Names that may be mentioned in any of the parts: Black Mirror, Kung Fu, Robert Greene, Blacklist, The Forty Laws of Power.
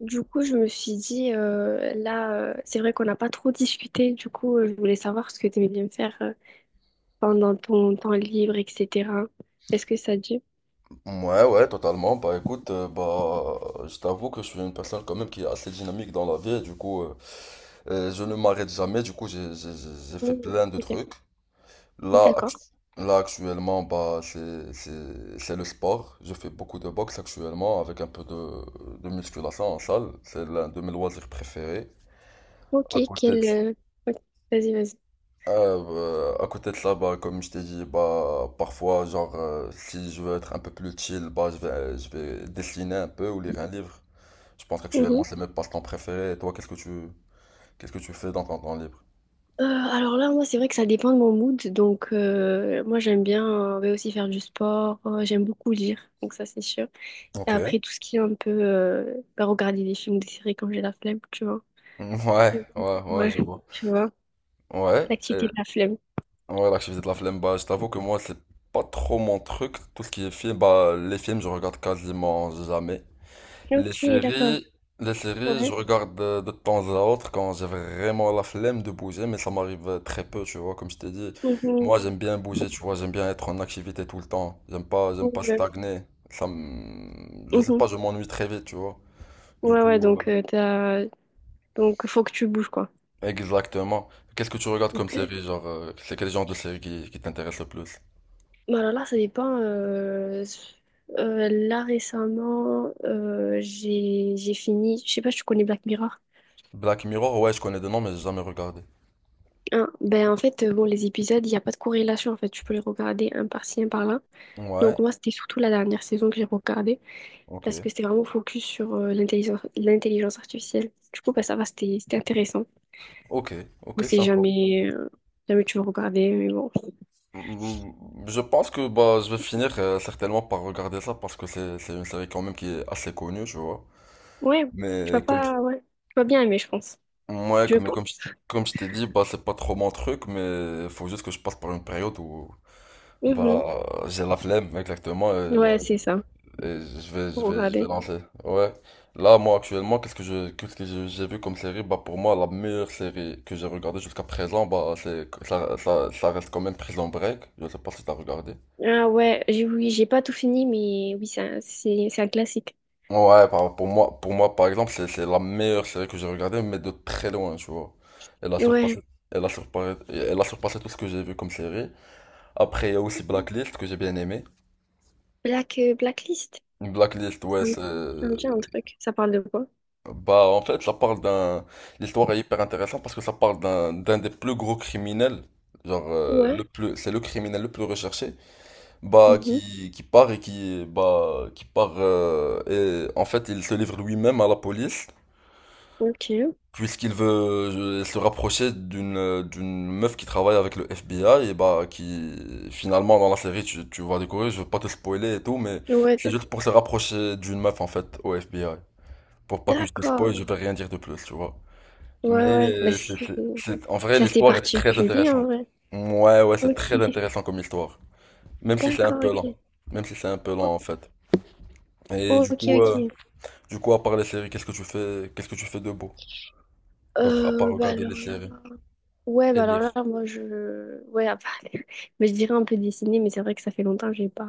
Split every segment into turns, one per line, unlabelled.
Du coup, je me suis dit, là, c'est vrai qu'on n'a pas trop discuté. Du coup, je voulais savoir ce que tu aimais bien faire pendant ton temps libre, etc. Est-ce que ça te dit?
Ouais, ouais, totalement. Bah écoute, bah, je t'avoue que je suis une personne quand même qui est assez dynamique dans la vie. Et du coup, je ne m'arrête jamais. Du coup, j'ai fait
Mm,
plein de
ok.
trucs. Là, actu-
D'accord.
là actuellement, bah, c'est le sport. Je fais beaucoup de boxe actuellement avec un peu de musculation en salle. C'est l'un de mes loisirs préférés.
Ok,
À côté de
ok. Vas-y, vas-y.
Bah, à côté de ça, bah, comme je t'ai dit, bah, parfois, genre, si je veux être un peu plus chill, bah, je vais dessiner un peu ou lire un livre. Je pense
Mhm.
qu'actuellement, c'est mes passe-temps préférés. Et toi, qu'est-ce que tu fais dans ton temps libre?
Alors là, moi, c'est vrai que ça dépend de mon mood. Donc, moi, j'aime bien, ouais, aussi faire du sport. J'aime beaucoup lire, donc ça, c'est sûr. Et
Ok.
après, tout ce qui est un peu bah, regarder des films, des séries quand j'ai la flemme, tu vois.
Mm, ouais, ouais, ouais,
Ouais,
je vois.
tu vois.
Ouais,
L'activité de la flemme.
ouais, l'activité de la flemme, bah, je t'avoue que moi, c'est pas trop mon truc. Tout ce qui est film, bah, les films, je regarde quasiment jamais. Les
Ok, d'accord.
séries, les séries, je
Ouais.
regarde de temps à autre quand j'ai vraiment la flemme de bouger, mais ça m'arrive très peu, tu vois, comme je t'ai dit.
Mhm.
Moi, j'aime bien bouger, tu vois, j'aime bien être en activité tout le temps. J'aime pas, j'aime
Ouais,
pas
ouais.
stagner. Je sais
Mhm.
pas, je m'ennuie très vite, tu vois. Du
Ouais, ouais,
coup,
donc donc faut que tu bouges, quoi.
exactement. Qu'est-ce que tu regardes comme
D-
série, genre, c'est quel genre de série qui t'intéresse le plus?
Bah alors là, ça dépend. Là récemment, j'ai fini. Je sais pas si tu connais Black Mirror.
Black Mirror, ouais, je connais des noms, mais j'ai jamais regardé.
Hein, ben, en fait, bon, les épisodes, il n'y a pas de corrélation. En fait, tu peux les regarder un par-ci, un par-là.
Ouais,
Donc moi, c'était surtout la dernière saison que j'ai regardée
ok,
parce que c'était vraiment focus sur l'intelligence artificielle. Du coup, bah, ça va, c'était intéressant.
ok, ok.
Ou si jamais tu veux regarder, mais bon.
Je pense que bah, je vais finir certainement par regarder ça parce que c'est une série quand même qui est assez connue, tu vois.
Ouais, tu vas
Mais comme,
pas, ouais. Tu vas bien aimer, je pense.
ouais,
Je pense.
comme je t'ai dit, bah, c'est pas trop mon truc, mais faut juste que je passe par une période où bah,
Mhm.
j'ai la flemme exactement
Ouais, c'est ça.
et je vais, je
Pour
vais, je vais
regarder.
lancer. Ouais. Là, moi, actuellement, qu'est-ce que j'ai vu comme série? Bah, pour moi, la meilleure série que j'ai regardée jusqu'à présent, bah, ça reste quand même Prison Break. Je sais pas si t'as regardé.
Ah ouais, oui, j'ai pas tout fini, mais oui, c'est c'est un classique.
Ouais, pour moi, par exemple, c'est la meilleure série que j'ai regardée, mais de très loin, tu vois. Elle a surpassé,
Ouais.
elle a surpassé, elle a surpassé tout ce que j'ai vu comme série. Après, il y a aussi Blacklist que j'ai bien aimé.
Blacklist.
Blacklist, ouais,
Ça me, ça me dit un truc. Ça parle de quoi?
bah, en fait, l'histoire est hyper intéressante parce que ça parle d'un des plus gros criminels, genre,
Ouais.
c'est le criminel le plus recherché, bah,
Mhm.
qui part et en fait, il se livre lui-même à la police.
Ok.
Puisqu'il veut se rapprocher d'une meuf qui travaille avec le FBI et bah qui finalement dans la série tu vas découvrir, je veux pas te spoiler et tout mais
Ouais,
c'est juste pour se rapprocher d'une meuf en fait au FBI. Pour pas que je te
d'accord.
spoil, je vais rien dire de plus, tu vois. Mais
Ouais, ouais. Bah, c'est
en vrai
c'est assez
l'histoire est très
particulier, en
intéressante.
vrai.
Ouais ouais, c'est très
Ok.
intéressant comme histoire. Même si c'est un
D'accord,
peu lent.
ok.
Même si c'est un peu
O-
lent en fait. Et
ok, ok.
du coup à part les séries, qu'est-ce que tu fais de beau? D'autre à part
Bah
regarder
alors
les
là.
séries
Ouais,
et
bah alors
lire.
là, ouais, mais je dirais un peu dessiner, mais c'est vrai que ça fait longtemps que j'ai pas...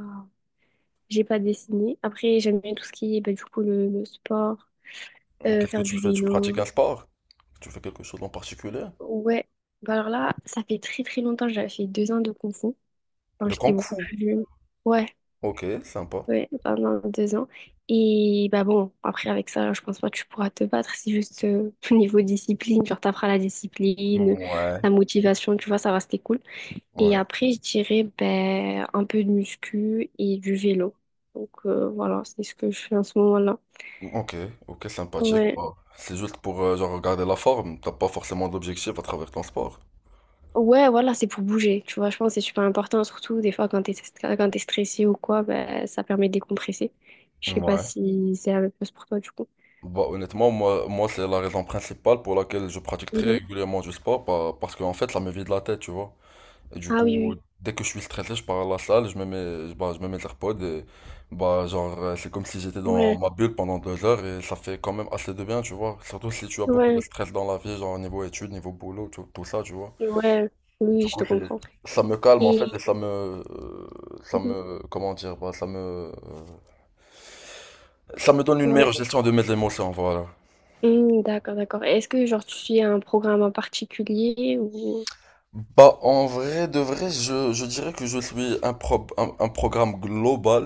j'ai pas dessiné. Après, j'aime bien tout ce qui est, bah, du coup, le sport,
Qu'est-ce que
faire
tu
du
fais? Tu pratiques un
vélo.
sport? Tu fais quelque chose en particulier?
Ouais, bah alors là, ça fait très très longtemps, j'avais fait 2 ans de Kung Fu, quand
De
j'étais
Kung
beaucoup
Fu.
plus jeune. Ouais,
Ok, sympa.
ouais, pendant 2 ans. Et bah bon, après, avec ça, je pense pas que tu pourras te battre, c'est juste au niveau discipline, genre t'apprends la discipline,
Ouais,
la motivation, tu vois, ça va, c'était cool. Et
ouais.
après, je dirais ben, un peu de muscu et du vélo. Donc voilà, c'est ce que je fais en ce moment-là.
Ok, ok, sympathique.
Ouais.
Bon, c'est juste pour genre, regarder la forme. T'as pas forcément d'objectif à travers ton sport.
Ouais, voilà, c'est pour bouger. Tu vois, je pense que c'est super important, surtout des fois quand t'es stressé ou quoi, ben, ça permet de décompresser. Je sais pas
Ouais.
si c'est la même chose pour toi du coup.
Bah, honnêtement, moi c'est la raison principale pour laquelle je pratique très
Mhm.
régulièrement du sport. Parce qu'en fait, ça me vide la tête, tu vois. Et du
Ah
coup,
oui,
dès que je suis stressé, je pars à la salle, je me mets les AirPods et bah, genre, c'est comme si j'étais
oui.
dans
Ouais,
ma bulle pendant 2 heures et ça fait quand même assez de bien, tu vois. Surtout si tu as beaucoup de
ouais,
stress dans la vie, genre niveau études, niveau boulot, tout, tout ça, tu vois.
ouais.
Du
Oui, je
coup,
te
c'est,
comprends.
Ça me calme en fait
Et
et
mhm.
comment dire, bah, ça me donne une
Ouais.
meilleure gestion de mes émotions, voilà.
Hmm, d'accord, d'accord. Est-ce que genre tu suis un programme en particulier ou...
Bah, en vrai, de vrai, je dirais que je suis un programme global.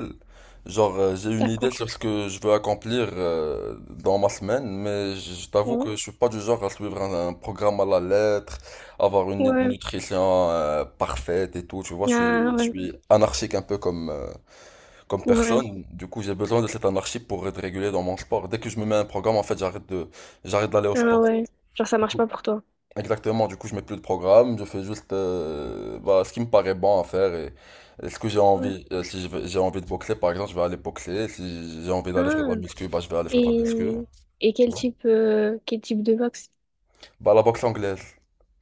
Genre, j'ai une idée
D'accord.
sur ce que je veux accomplir dans ma semaine, mais je t'avoue
Ouais.
que je suis pas du genre à suivre un programme à la lettre, avoir une
Ouais.
nutrition parfaite et tout. Tu vois, je
Ah,
suis, je
ouais.
suis anarchique un peu comme
Ouais.
personne. Du coup, j'ai besoin de cette anarchie pour être régulé dans mon sport. Dès que je me mets un programme, en fait, j'arrête d'aller au
Ah
sport.
ouais. Genre, ça marche pas pour toi.
Exactement, du coup, je mets plus de programme, je fais juste bah, ce qui me paraît bon à faire et ce que j'ai
Ouais.
envie. Si je vais- J'ai envie de boxer, par exemple, je vais aller boxer. Si j'ai envie d'aller faire
Ah.
de la muscu, bah, je vais aller faire de la muscu.
Et, et quel type de boxe?
Bah, la boxe anglaise.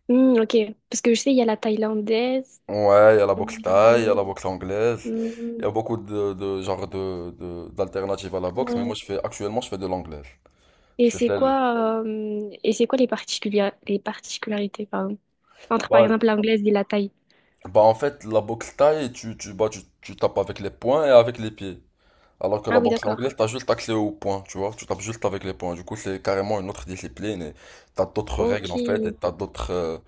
Hmm, ok. Parce que je sais, il y a la thaïlandaise.
Ouais, il y a la
Et il
boxe
y a
thaï, il y a
le-
la boxe anglaise. Il
Hmm,
y a beaucoup de genres d'alternatives à la boxe, mais moi,
ouais.
actuellement, je fais de l'anglaise.
Et
C'est
c'est
celle.
quoi, euh, et c'est quoi les les particularités, pardon, entre par
Bah,
exemple l'anglaise et la thaï?
bah, en fait, la boxe thaï, tu tapes avec les poings et avec les pieds. Alors que
Ah
la
oui,
boxe
d'accord.
anglaise, t'as juste accès aux points, tu vois. Tu tapes juste avec les points. Du coup, c'est carrément une autre discipline et t'as d'autres règles
Ok.
en fait et t'as d'autres.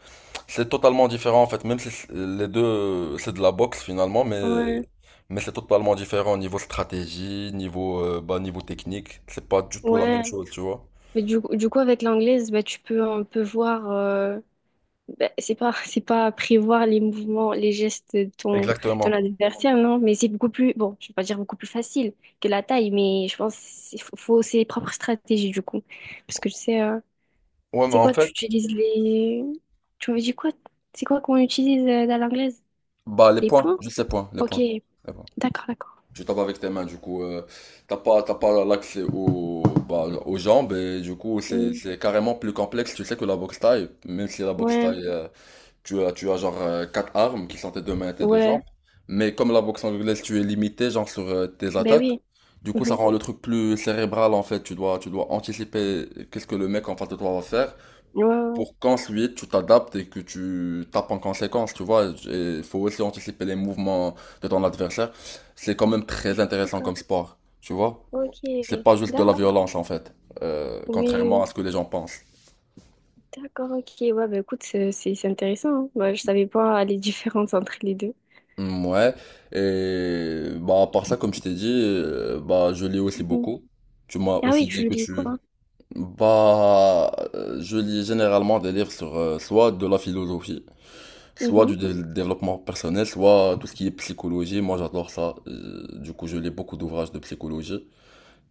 C'est totalement différent en fait. Même si les deux, c'est de la boxe finalement, mais
Ouais.
mais c'est totalement différent au niveau stratégie, niveau bah, niveau technique. C'est pas du tout la même
Ouais.
chose, tu vois.
Mais du coup, avec l'anglaise, bah, tu peux un peu voir. Ben, c'est pas, c'est pas prévoir les mouvements, les gestes de ton
Exactement.
adversaire, non, mais c'est beaucoup plus, bon, je vais pas dire beaucoup plus facile que la taille, mais je pense qu'il faut ses propres stratégies, du coup. Parce que tu sais,
Ouais, mais
c'est
en
quoi, tu
fait,
utilises les... Tu m'avais dit quoi? C'est quoi qu'on utilise dans l'anglaise?
bah
Les points?
juste les points, les
Ok,
points.
d'accord, d'accord.
Tu tapes avec tes mains, du coup, t'as pas l'accès bah, aux jambes et du coup, c'est,
Hmm,
c'est carrément plus complexe, tu sais, que la boxe thaï. Même si la boxe
ouais,
thaï, tu as genre quatre armes qui sont tes deux mains et tes deux jambes.
ouais,
Mais comme la boxe anglaise, tu es limité, genre, sur tes
ben
attaques.
oui.
Du coup, ça
Mhm.
rend le truc plus cérébral, en fait. Tu dois anticiper qu'est-ce que le mec en face de toi va faire
Ouais, ouais, ouais.
pour qu'ensuite tu t'adaptes et que tu tapes en conséquence, tu vois. Et il faut aussi anticiper les mouvements de ton adversaire. C'est quand même très intéressant
D'accord.
comme sport, tu vois.
Ok,
C'est pas juste de la
d'accord.
violence en fait,
Oui, oui,
contrairement à
oui.
ce que les gens pensent.
D'accord, ok. Ouais, bah écoute, c'est intéressant, hein. Bah, je savais pas les différences entre les deux.
Mm, ouais, et bah, à part ça, comme je t'ai dit, bah, je lis aussi
Mhm.
beaucoup. Tu m'as
Ah oui,
aussi dit
tu
que
lis
tu.
quoi?
Bah, je lis généralement des livres sur soit de la philosophie, soit
Mhm.
du développement personnel, soit tout ce qui est psychologie. Moi, j'adore ça. Du coup, je lis beaucoup d'ouvrages de psychologie.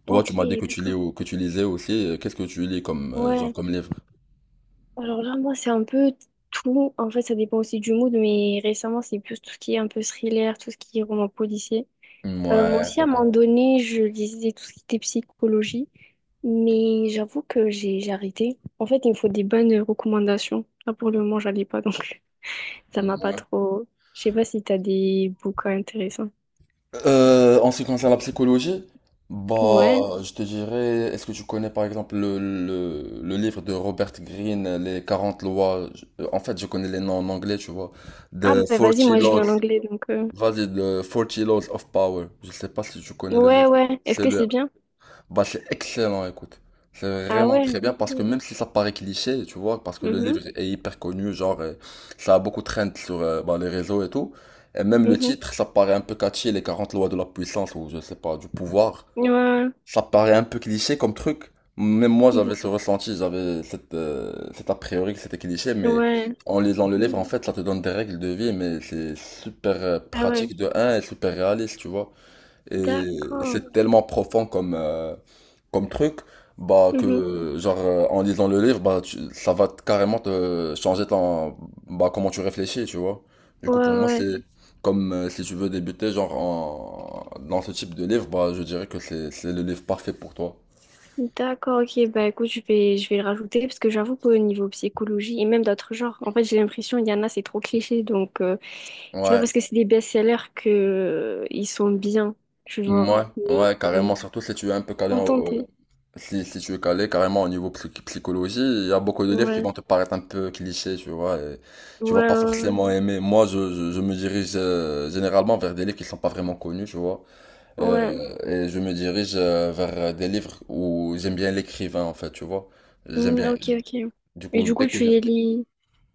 Toi,
Ok,
tu m'as dit que
d'accord.
que tu lisais aussi. Qu'est-ce que tu lis comme, genre,
Ouais.
comme livre?
Alors là, moi, c'est un peu tout. En fait, ça dépend aussi du mood, mais récemment, c'est plus tout ce qui est un peu thriller, tout ce qui est roman policier. Moi
Ouais,
aussi, à un
ok.
moment donné, je lisais tout ce qui était psychologie, mais j'avoue que j'ai arrêté. En fait, il me faut des bonnes recommandations. Là, pour le moment, j'en ai pas, donc ça m'a pas
Ouais.
trop. Je sais pas si t'as des bouquins intéressants.
En ce qui concerne la psychologie,
Ouais.
bah, je te dirais, est-ce que tu connais par exemple le livre de Robert Greene, Les 40 lois? En fait, je connais les noms en anglais, tu vois.
Ah
The
bah vas-y,
forty
moi je lis
Laws,
en anglais,
vas-y, The forty Laws of Power. Je sais pas si tu connais le
Ouais,
livre.
ouais. Est-ce
C'est
que
le
c'est bien?
Bah, c'est excellent, écoute. C'est
Ah
vraiment
ouais.
très bien parce que
Ok.
même si ça paraît cliché, tu vois, parce que le
Mhm,
livre est hyper connu, genre, ça a beaucoup trend sur bah, les réseaux et tout. Et même le
mhm.
titre, ça paraît un peu catchy, les 40 lois de la puissance ou je sais pas, du pouvoir.
Ouais,
Ça paraît un peu cliché comme truc. Même moi, j'avais
mhm.
ce ressenti, cet a priori que c'était cliché, mais
Ouais.
en lisant le livre,
Mhm.
en fait, ça te donne des règles de vie, mais c'est super
Ah ouais.
pratique de un et super réaliste, tu vois. Et
D'accord.
c'est tellement profond comme truc, bah
Mhm.
que genre en lisant le livre, carrément te changer ton bah comment tu réfléchis, tu vois. Du
Ouais,
coup, pour moi,
ouais.
c'est comme si tu veux débuter genre en dans ce type de livre, bah je dirais que c'est le livre parfait pour toi.
D'accord, ok. Bah écoute, je vais le rajouter parce que j'avoue qu'au niveau psychologie et même d'autres genres, en fait j'ai l'impression il y en a, c'est trop cliché. Donc c'est pas
Ouais,
parce que c'est des best-sellers que ils sont bien, tu vois.
ouais,
Mais
ouais, carrément, surtout si tu es un peu calé
faut
en-
tenter.
Si tu es calé carrément au niveau psychologie, il y a beaucoup de livres qui
Ouais.
vont te paraître un peu clichés, tu vois, et tu
Ouais,
vas pas
ouais,
forcément aimer. Moi, je me dirige généralement vers des livres qui sont pas vraiment connus, tu vois,
ouais. Ouais.
euh, et je me dirige vers des livres où j'aime bien l'écrivain, en fait, tu vois. J'aime
Hmm,
bien.
ok, ok.
Du
Et
coup,
du
dès
coup,
que
tu
j'ai...
les lis.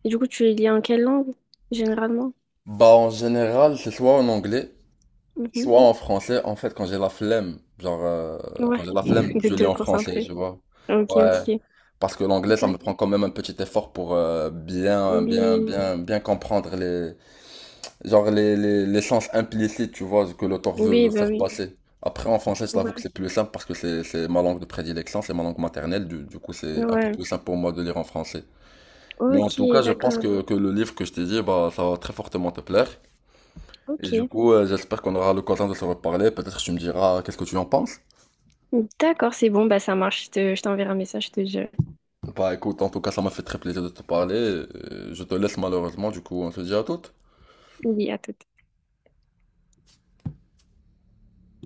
Et du coup, tu les lis en quelle langue, généralement?
Bah, en général, c'est soit en anglais,
Mhm.
soit en français, en fait, quand j'ai la flemme, genre, quand
Ouais,
j'ai la flemme,
de
je lis
te
en français,
concentrer.
tu vois.
Ok,
Ouais.
ok.
Parce que l'anglais, ça me
D'accord.
prend quand même un petit effort pour bien, bien,
Oui,
bien, bien comprendre genre les sens implicites, tu vois, que l'auteur
oui,
veut
bah
faire
oui.
passer. Après, en français, je t'avoue que
Ouais,
c'est plus simple parce que c'est ma langue de prédilection, c'est ma langue maternelle, du coup, c'est un peu
ouais.
plus simple pour moi de lire en français. Mais en
Ok,
tout cas, je pense
d'accord.
que le livre que je t'ai dit, bah, ça va très fortement te plaire. Et du
Ok.
coup, j'espère qu'on aura l'occasion de se reparler. Peut-être que tu me diras qu'est-ce que tu en penses.
D'accord, c'est bon, bah ça marche. Je t'enverrai un message, je te jure.
Bah écoute, en tout cas, ça m'a fait très plaisir de te parler. Je te laisse malheureusement, du coup, on se dit à toutes.
Oui, à tout.